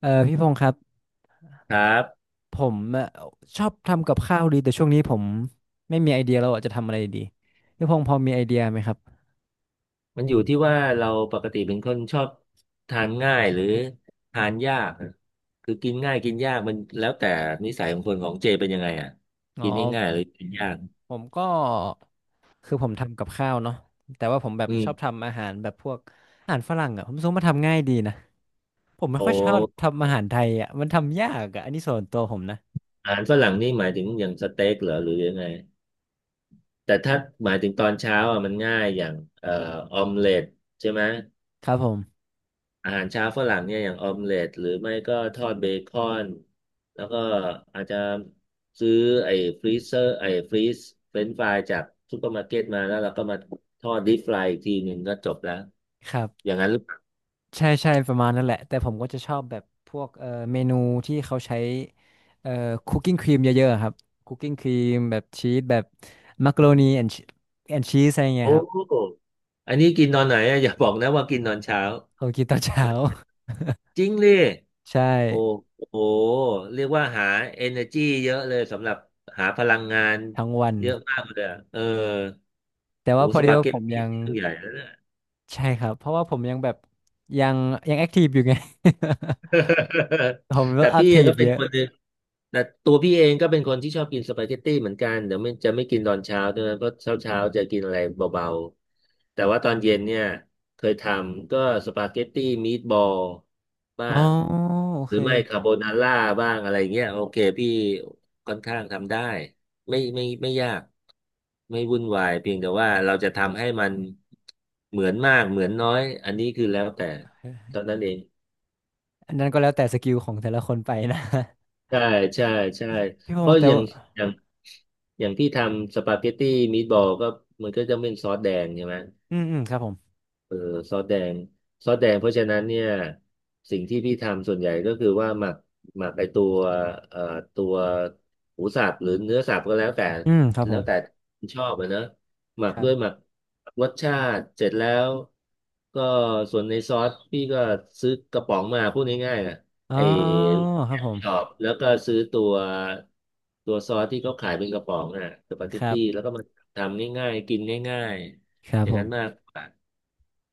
เออพี่พงษ์ครับครับผมชอบทำกับข้าวดีแต่ช่วงนี้ผมไม่มีไอเดียแล้วอะจะทำอะไรดีพี่พงษ์พอมีไอเดียไหมครับมันอยู่ที่ว่าเราปกติเป็นคนชอบทานง่ายหรือทานยากอะคือกินง่ายกินยากมันแล้วแต่นิสัยของคนของเจเป็นยังไงอ่ะอ๋อกินง่ายๆหรือกินยากผมก็คือผมทำกับข้าวเนาะแต่ว่าผมแบบอืชอบมทำอาหารแบบพวกอาหารฝรั่งอ่ะผมรู้สึกว่ามันทำง่ายดีนะผมไม่โอค่อยชอบ้ทำอาหารไทยอ่ะมันทำยากอ่ะอันนี้ส่วนตัวผมนะอาหารฝรั่งนี่หมายถึงอย่างสเต็กเหรอหรือยังไงแต่ถ้าหมายถึงตอนเช้าอ่ะมันง่ายอย่างเอ่อออมเล็ตใช่ไหม ครับผมอาหารเช้าฝรั่งเนี่ยอย่างออมเล็ตหรือไม่ก็ทอดเบคอนแล้วก็อาจจะซื้อไอ้ไอ้ฟรีซเฟรนช์ฟรายจากซูเปอร์มาร์เก็ตมาแล้วเราก็มาทอดดิฟรายอีกทีหนึ่งก็จบแล้วครับ อย่างนั้นหรือเปล่าใช่ใช่ประมาณนั่นแหละแต่ผมก็จะชอบแบบพวกเมนูที่เขาใช้เอ่อคุกกิ้งครีมเยอะๆอะครับคุกกิ้งครีมแบบชีสแบบมักโรนีแอนแอนชีสอะไรเงี้โอ้ยครับโหอันนี้กินตอนไหนอะอย่าบอกนะว่ากินตอนเช้าเขากินตอนตอเช้า นเย็นจริงเลย ใช่โอ้โหเรียกว่าหา energy เยอะเลยสำหรับหาพลังงานทั้งวันเยอะมากเลยอะเออแต่ว่าโอ้พอสดีปาว่าเกผตมยัตี้งเรื่องใหญ่แล้วย ใช่ครับเพราะว่าผมยังแบบยังยังแอคทีฟอยู่ไง ผม ก็แต่แอคพี่ทีฟก็เป็เยนอะคนหนึ่งแต่ตัวพี่เองก็เป็นคนที่ชอบกินสปาเกตตี้เหมือนกันเดี๋ยวไม่จะไม่กินตอนเช้าด้วยนะเพราะเช้าเช้าจะกินอะไรเบาๆแต่ว่าตอนเย็นเนี่ยเคยทำก็สปาเกตตี้มีดบอลบ้าอ๋องโอหรืเคอไม่คาโบนาร่าบ้างอะไรเงี้ยโอเคพี่ค่อนข้างทำได้ไม่ไม่ไม่ยากไม่วุ่นวายเพียงแต่ว่าเราจะทำให้มันเหมือนมากเหมือนน้อยอันนี้คือแล้วแต่เท่านั้นเอง อันนั้นก็แล้วแต่สกิลของแต่ละคนไปนะ ใช่ใช่ใช่ พี่พเพงราะษ์แต่ว่าอย่างอย่างที่ทำสปาเกตตี้มี b บอลก็มันก็จะเป็นซอสแดงใช่ไหม อืมอืมครับผมเออซอสแดงซอสแดงเพราะฉะนั้นเนี่ยสิ่งที่พี่ทำส่วนใหญ่ก็คือว่าหมักไอตัวเอ่อตัวหมูสับหรือเนื้อสับก็แล้วแต่อืมครับผแล้วมแต่ชอบอะเนอะหมัคกรัด้วยบ หมักรสชาติเสร็จแล้วก็ส่วนในซอสพี่ก็ซื้อกระป๋องมาพูดง่ายๆนะอ๋อไอครับผมชอบแล้วก็ซื้อตัวซอสที่เขาขายเป็นกระป๋องน่ะสปาเกคตรับตี้แล้วก็มาทำง่ายๆกินง่ายคๆรัอบย่าผงนั้มนมากกว่า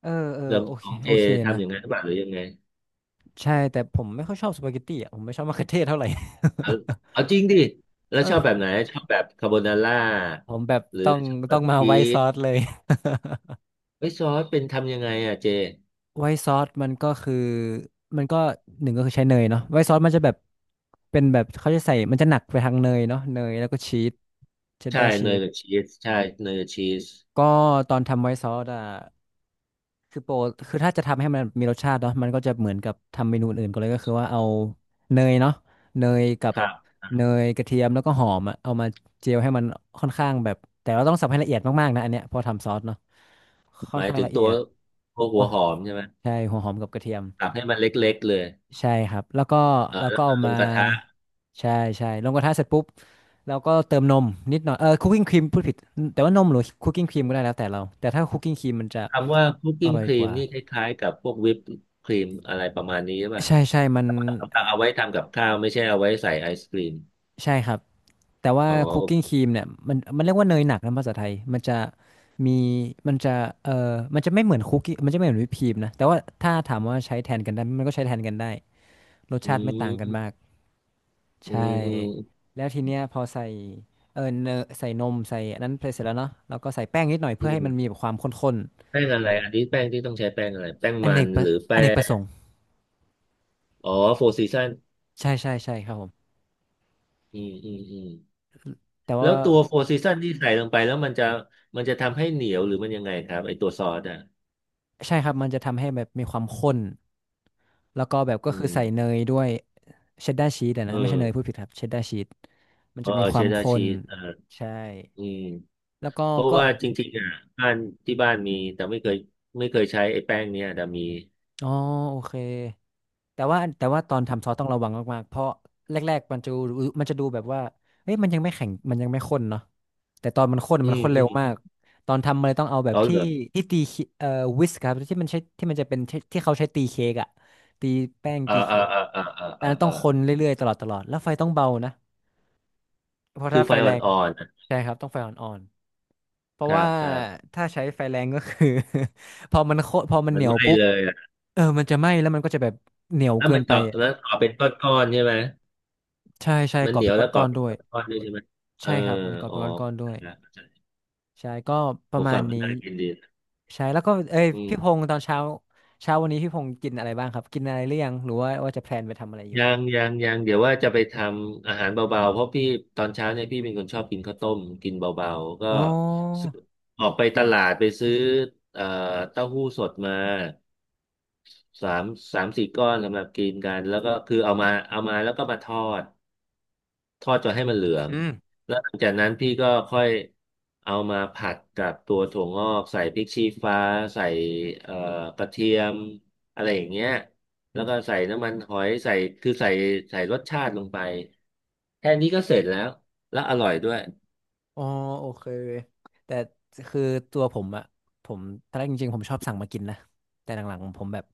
เออเออเรื่องโอขเคองเจโอเคนะทำอย่างนั้นหรือเปล่าหรือยังไงใช่แต่ผมไม่ค่อยชอบสปาเกตตี้อ่ะผมไม่ชอบมะเขือเทศเท่าไหร่ เอาเอาจริงดิแล้ วมัชอบแบบนไหนชอบแบบคาโบนาร่าผมแบบหรืต้อองชอบแบต้อบงมาชีไวท์ซสอสเลยไม่ซอสเป็นทำยังไงอ่ะเจไวท์ซอสมันก็คือมันก็หนึ่งก็คือใช้เนยเนาะไวท์ซอสมันจะแบบเป็นแบบเขาจะใส่มันจะหนักไปทางเนยเนาะเนยแล้วก็ชีสเชดดาใช่ร์ชีเนยสกับชีสใช่เนยกับชีสก็ตอนทำไวท์ซอสอ่ะ คือโปรคือถ้าจะทำให้มันมีรสชาติเนาะมันก็จะเหมือนกับทำเมนูอื่นก็เลยก็คือว่าเอาเนยเนาะเนยกับครับเนยกระเทียมแล้วก็หอมอะเอามาเจียวให้มันค่อนข้างแบบแต่เราต้องสับให้ละเอียดมากๆนะอันเนี้ยเพอทำซอสเนาะค่อหนมายข้างถึงละเอีตัวยดตัวอ๋หัอวหอมใช่ไหมใช่หัวหอมกับกระเทียมสับให้มันเล็กๆเลยใช่ครับแล้วก็เออแล้วแล้ก็วก็เอาลมางกระทะใช่ใช่ลงกระทะเสร็จปุ๊บแล้วก็เติมนมนิดหน่อยคุกกิ้งครีมพูดผิดแต่ว่านมหรือคุกกิ้งครีมก็ได้แล้วแต่เราแต่ถ้าคุกกิ้งครีมมันจะคำว่าคุกอกิ้งร่อยครีกมว่า นี่คล้ายๆกับพวกวิปครีมอะไรประมาณนี้หรือเปล่ะใช่ใช่ มันสำหรับเอาไว้ทำกับข้าวไม่ใช่เอาไว้ใส่ไอศกรีมใช่ครับ แต่ว่าอ๋อคุกกิ้งครีมเนี่ยมันมันเรียกว่าเนยหนักนะภาษาไทย มันจะมีมันจะมันจะไม่เหมือนคุกกี้มันจะไม่เหมือนวิปครีมนะ แต่ว่าถ้าถามว่าใช้แทนกันได้ไหมมันก็ใช้แทนกันได้รสอืชาติไม่ต่างกันมากมอืใช่มอืมแล้วทีเนี้ยพอใส่เนยใส่นมใส่อันนั้นไปเสร็จแล้วเนาะแล้วก็ใส่แป้งนิดหน่อยอืเพื่อให้มันม มีแบบความข้นแป้งอะไรอันนี้แป้งที่ต้องใช้แป้งอะไรแป้งๆมันหรืออแป้เนกประสงงค์อ๋อโฟร์ซีซันใช่ใช่ใช่ครับผมอืมอืมอืมแต่แล้ว่าวตัวโฟร์ซีซันที่ใส่ลงไปแล้วมันจะทำให้เหนียวหรือมันยังไงครับไอตัวซอสอ่ะใช่ครับมันจะทำให้แบบมีความข้น แล้วก็แบบก็อืคือใส่เนมยด้วยเชดดาร์ชีสอะเอนะไม่ใช่เนยพูอดผิดครับเชดดาร์ชีสมันเออจะมีคเชวามดดาร์ข้ชีนสอ่าใช่อืมแล้วก็เพราะก็ว่าจริงๆอ่ะบ้านที่บ้านมีแต่ไม่เคยใช้ไอ้แป้งเนี้ยแต่มีอ๋อโอเคแต่ว่าแต่ว่าตอนทำซอสต้องระวังมากๆเพราะแรกๆมันจะรู้มันจะดูแบบว่าเอ้ยมันยังไม่แข็งมันยังไม่ข้นเนาะแต่ตอนมันข้นอืมันมข้นอืเร็มวมากตอนทำมันเลยต้องเอาแบบเอาที่เหรอที่ตีเค้กวิสครับที่มันใช้ที่มันจะเป็นที่ที่เขาใช้ตีเค้กอะตีแป้งเออตีเออเค้กเออเออเออแต่เออันอนั้นต้เออองคนเรื่อยๆตลอดตลอดแล้วไฟต้องเบานะ เพราะคืถ้าอไฟไฟอแรง่อนๆอะใช่ครับต้องไฟอ่อนๆเพคราะรัว่าบครับถ้าใช้ไฟแรงก็คือ พอมันโคพอมันมัเหนนียไหวม้ปุ๊บเลยอ่ะเออมันจะไหม้แล้วมันก็จะแบบเหนียวแล้วเกิมันนไปเกาะอะแล้วเกาะเป็นก้อนๆใช่ไหม ใช่ใช่มันก่อเหนีเป็ยนวแล้วกรก้ออบนเป็ๆนด้วยก้อนด้วยใช่ไหมเออใช่ครับมันก่ออ๋อเป็นก้อนๆด้วเข้ายใจละเข้าใจใช่ก็ปผระมมาฟัณงมันนี้น่ากินดีนะใช่แล้วก็เอ้ยอืพี่พมงศ์ตอนเช้าเช้าวันนี้พี่พงศ์กินอะไรบ้างครับกินอะไรหรือยังหรือว่าว่าจะแพลนไปทำอะไรอยู่ยังยังยังเดี๋ยวว่าจะไปทำอาหารเบาๆเพราะพี่ตอนเช้าเนี่ยพี่เป็นคนชอบกินข้าวต้มกินเบาๆก็อ๋อซื้อออกไปตลาดไปซื้อเอ่อเต้าหู้สดมาสามสามสี่ก้อนสำหรับกินกันแล้วก็คือเอามาแล้วก็มาทอด ทอดจนให้มันเหลืองอืม แล้วหลังจากนั้นพี่ก็ค่อยเอามาผัดกับตัวถั่วงอกใส่พริกชี้ฟ้าใส่เอ่อกระเทียมอะไรอย่างเงี้ยแล้วก็ใส่น้ำมันหอยใส่คือใส่รสชาติลงไปแค่นี้ก็เสร็จแล้วแล้วอร่อยด้วยอ๋อโอเคแต่คือตัวผมอะผมตอนแรกจริงๆผมชอบสั่งมากินนะแต่หลังๆผมแบบ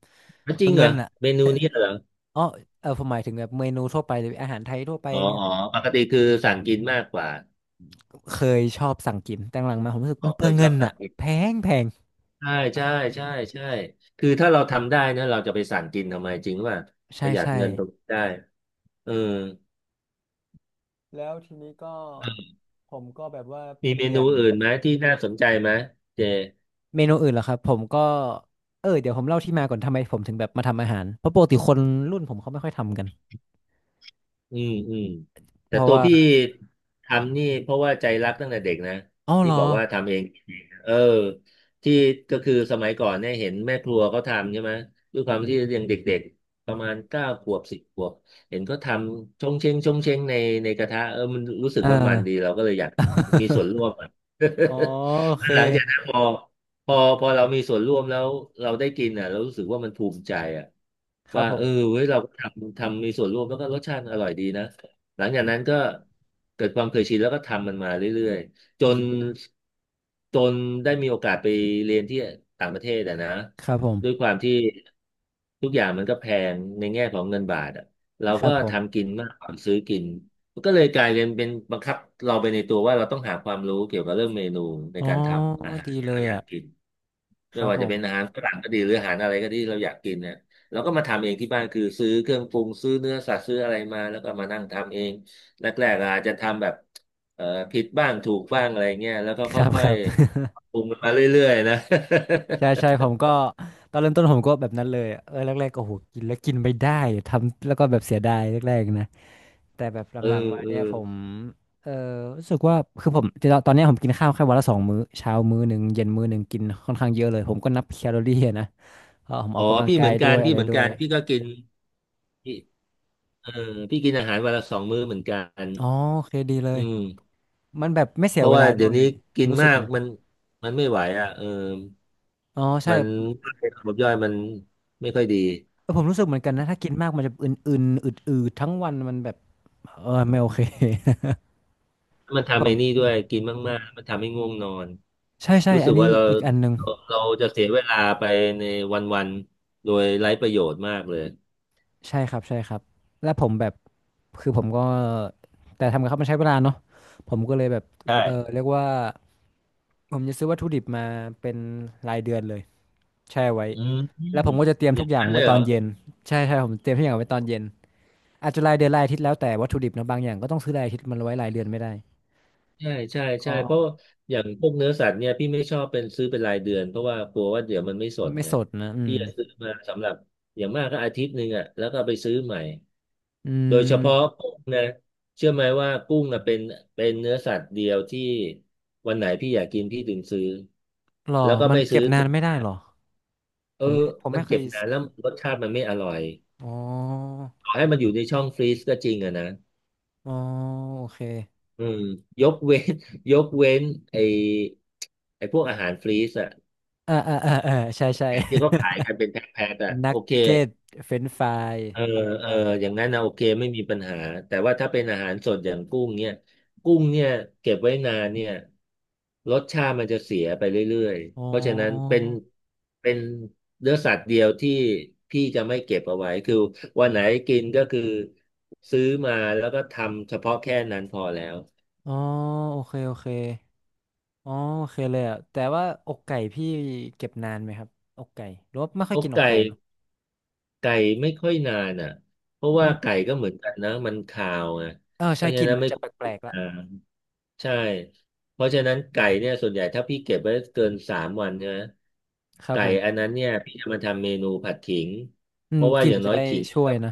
อ่ะจริงเหรเงิอนอะเมนูนี้เหรออ๋อเออผมหมายถึงแบบเมนูทั่วไปหรืออาหารไทยทั่วไปอ๋อเนี่ยอ๋อปกติคือสั่งกินมากกว่าเคยชอบสั่งกินแต่หลังๆมาผมรู้สึกอ๋อมันเปเคลือยงชเงิอบนสั่งอะกินแพงแพงใช่ใช่ใช่ใช่คือถ้าเราทำได้นะเราจะไปสั่งกินทำไมจริงว่าปใช่ระหยัดใช่เงินตรงนี้ได้เออ แล้วทีนี้ก็ผมก็แบบว่ามีเปเมลี่นูยนอื่นไหมที่น่าสนใจไหมเจเมนูอื่นเหรอครับผมก็เออเดี๋ยวผมเล่าที่มาก่อนทำไมผมถึงแบบมาทำอาหารเพราะปกติคนรุ่นผมเขาไม่ค่อยทำกันอืมอืมเพแต่ราะตัวว่าพี่ทำนี่เพราะว่าใจรักตั้งแต่เด็กนะอ๋อเหที่รอบอกว่าทำเองเออที่ก็คือสมัยก่อนเนี่ยเห็นแม่ครัวเขาทำใช่ไหมด้วยความที่ยังเด็กๆปคระรับผมาณมเก้าขวบสิบขวบเห็นเขาทำชงเชงชงเชงในกระทะเออมันรู้สึกเออ ว่ามันดีเราก็เลยอยากมีส่วนร่ วมอะ อ๋อโอเค หลังจากนั้นพอ พอเรามีส่วนร่วมแล้วเราได้กินอ่ะเรารู้สึกว่ามันภูมิใจอ่ะครับว่าผเอม อเว้ยเราก็ทำมีส่วนร่วมแล้วก็รสชาติอร่อยดีนะหลังจากนั้นก็เกิดความเคยชินแล้วก็ทำมันมาเรื่อยๆจนได้มีโอกาสไปเรียนที่ต่างประเทศอ่ะนะครับผม ด้วยความที่ทุกอย่างมันก็แพงในแง่ของเงินบาทอ่ะเราคก็รับผมทำกินมากกว่าซื้อกินนก็เลยกลายเป็นบังคับเราไปในตัวว่าเราต้องหาความรู้เกี่ยวกับเรื่องเมนูในอ๋อการทำอาหาดีรที่เลเรายอยากอ่ะ กิน คไม่รับว่าผจะม เป็นอาหารฝรั่งก็ดีหรืออาหารอะไรก็ดีเราอยากกินเนี่ยเราก็มาทำเองที่บ้านคือซื้อเครื่องปรุงซื้อเนื้อสัตว์ซื้ออะไรมาแล้วก็มานั่งทำเองแรกๆอาจจะทำแบบเอ่อผิดบ้างถูกบ้างอะไรเงี้ยแล้วก็คครับ่คอยรับ ๆปรุงมาเรื่อยๆนะ ใช่ใช่ ผมก็ ตอนเริ่มต้นผมก็แบบนั้นเลยอะเออแรกๆก็โหกินแล้วกินไม่ได้ ทำแล้วก็แบบเสียดายแรกๆนะ แต่แบบหเออลังๆมาเออเนี่ยผม เออรู้สึกว่าคือผม ตอนเนี้ยผมกินข้าวแค่วันละ2 มื้อ เช้า1 มื้อเย็นมื้อหนึ่งกินค่อนข้างเยอะเลยผมก็นับแคลอรี่อะนะเพราะผมออ๋ออกกำลังพี่เหกามืยอนด้กัวนยอะพี่ไรเหมือนด้วกัยนพี่ก็กินพี่เออพี่กินอาหารวันละสองมื้อเหมือนกันอ๋อโอเคดีเลอืยมมันแบบไม่เสีเพยราะเวว่าลาด้เดี๋ยววยนี้กินรู้สึมากกนะ มันไม่ไหวอ่ะเออ อ๋อใช่มันระบบย่อยมันไม่ค่อยดีเออผมรู้สึกเหมือนกันนะถ้ากินมากมันจะอึนๆอืดๆทั้งวันมันแบบเออไม่โอเค มัน ผทำไอ้มนี่ด้วยกินมากๆมันทำให้ง่วงนอนใช่ใช่รู้อัสึนกว่านี้เราอีกอันหนึ่งเราเราจะเสียเวลาไปในวันๆโดยไร้ประโยชน์มากเลยใช่ครับใช่ครับแล้วผมแบบคือผมก็แต่ทำกับข้าวมันใช้เวลาเนาะผมก็เลยแบบใช่เออเรียกว่าผมจะซื้อวัตถุดิบมาเป็นรายเดือนเลยแช่ไว้อืแล้วผมมก็จะเตรียมอทุย่ากงอย่างนั้นเลไว้ยตเหรอนอเย็นใช่ใช่ผมเตรียมทุกอย่างไว้ตอนเย็นอาจจะรายเดือนรายอาทิตย์แล้วแต่วัตถุดิบนะบางอย่างก็ต้องซื้อรายอาทิตย์มันไว้รายเดือนไม่ได้ใช่ใช่ใช่ก็เพราะอย่างพวกเนื้อสัตว์เนี่ยพี่ไม่ชอบเป็นซื้อเป็นรายเดือนเพราะว่ากลัวว่าเดี๋ยวมันไม่สดไม่ไงสดนะอืพี่มจะซื้อมาสำหรับอย่างมากก็อาทิตย์หนึ่งอ่ะแล้วก็เอาไปซื้อใหม่ อืโดยเฉพาะม กุ้งนะเชื่อไหมว่ากุ้งนะเป็นเนื้อสัตว์เดียวที่วันไหนพี่อยากกินพี่ถึงซื้อหรอแล้วก็มันไม่ซื้เก็อบนาตุนไม่ได้หรอ เอผอมมันไม่เคเก็ยบนานแล้วรสชาติมันไม่อร่อยอ๋อต่อให้มันอยู่ในช่องฟรีซก็จริงอะนะอ๋อโอเคอืมยกเว้น ยกเว้นไอไอพวกอาหารฟรีซอะเออใช่ใช่ อย่างที่เขาขายกันเป็นแพ็คๆอะ นัโอกเคเก็ตเฟรนฟรายเอออะไรก็เออว่าไปอย่างนั้นนะโอเคไม่มีปัญหาแต่ว่าถ้าเป็นอาหารสดอย่างกุ้งเนี่ยกุ้งเนี่ยเก็บไว้นานเนี่ย รสชาติมันจะเสียไปเรื่อยอ๋ๆ เพราะฉะนั้นเป็อนเป็นเนื้อสัตว์เดียวที่พี่จะไม่เก็บเอาไว้คือวันไหนกินก็คือซื้อมาแล้วก็ทำเฉพาะแค่นั้นพอแล้วอ๋อโอเคโอเคอ๋อโอเคเลยอ่ะแต่ว่าอกไก่พี่เก็บนานไหมครับอกไก่หรือว่าไม่ค่อยเอากินอกไก่ไก่เนาะไก่ไม่ค่อยนานอ่ะเพราะอืว่าไก่มก็เหมือนกันนะมันคาวไงเออเพใช่ราะกฉะลิ่นนั้นมันไม่จะคแปวรลเก็บกๆนาละนใช่เพราะฉะนั้นไก่เนี่ยส่วนใหญ่ถ้าพี่เก็บไว้เกินสามวันใช่ไหมครับไก่ผอันม นั้นเนี่ยพี่จะมาทำเมนูผัดขิงอืเพมราะว่ากลิ่อนย่างจะน้อยได้ขิง ช่วยนะ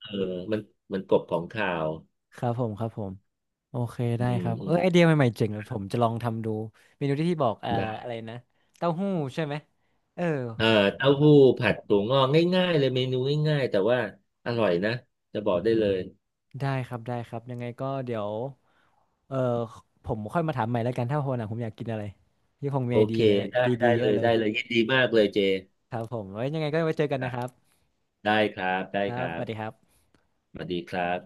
เออมันมันกบของข่าว ครับผม ครับผม โอเคอืได้มครับอืเอมอไอเดียใหม่ๆเจ๋งเลยวผมจะลองทำดูเมนูที่พี่บอกได้อะไรนะเต้าหู้ใช่ไหมเออเออผมจะลอเต้างหู้ทำดูผัดถั่วงอกง่ายๆเลยเมนูง่ายๆแต่ว่าอร่อยนะจะบอกได้เลยได้ครับได้ครับยังไงก็เดี๋ยวเออผมค่อยมาถามใหม่แล้วกันถ้าวันหลังผมอยากกินอะไรพี่คงมีโอไอเดีเคยได้ดีได้ๆเยเลอะยเลยได้เลยยินดีมากเลยเจครับผมไว้ยังไงก็ไว้เจอกันอ่ะนะครับได้ครับได้คครับรัสบวัสดีครับสวัสดีครับ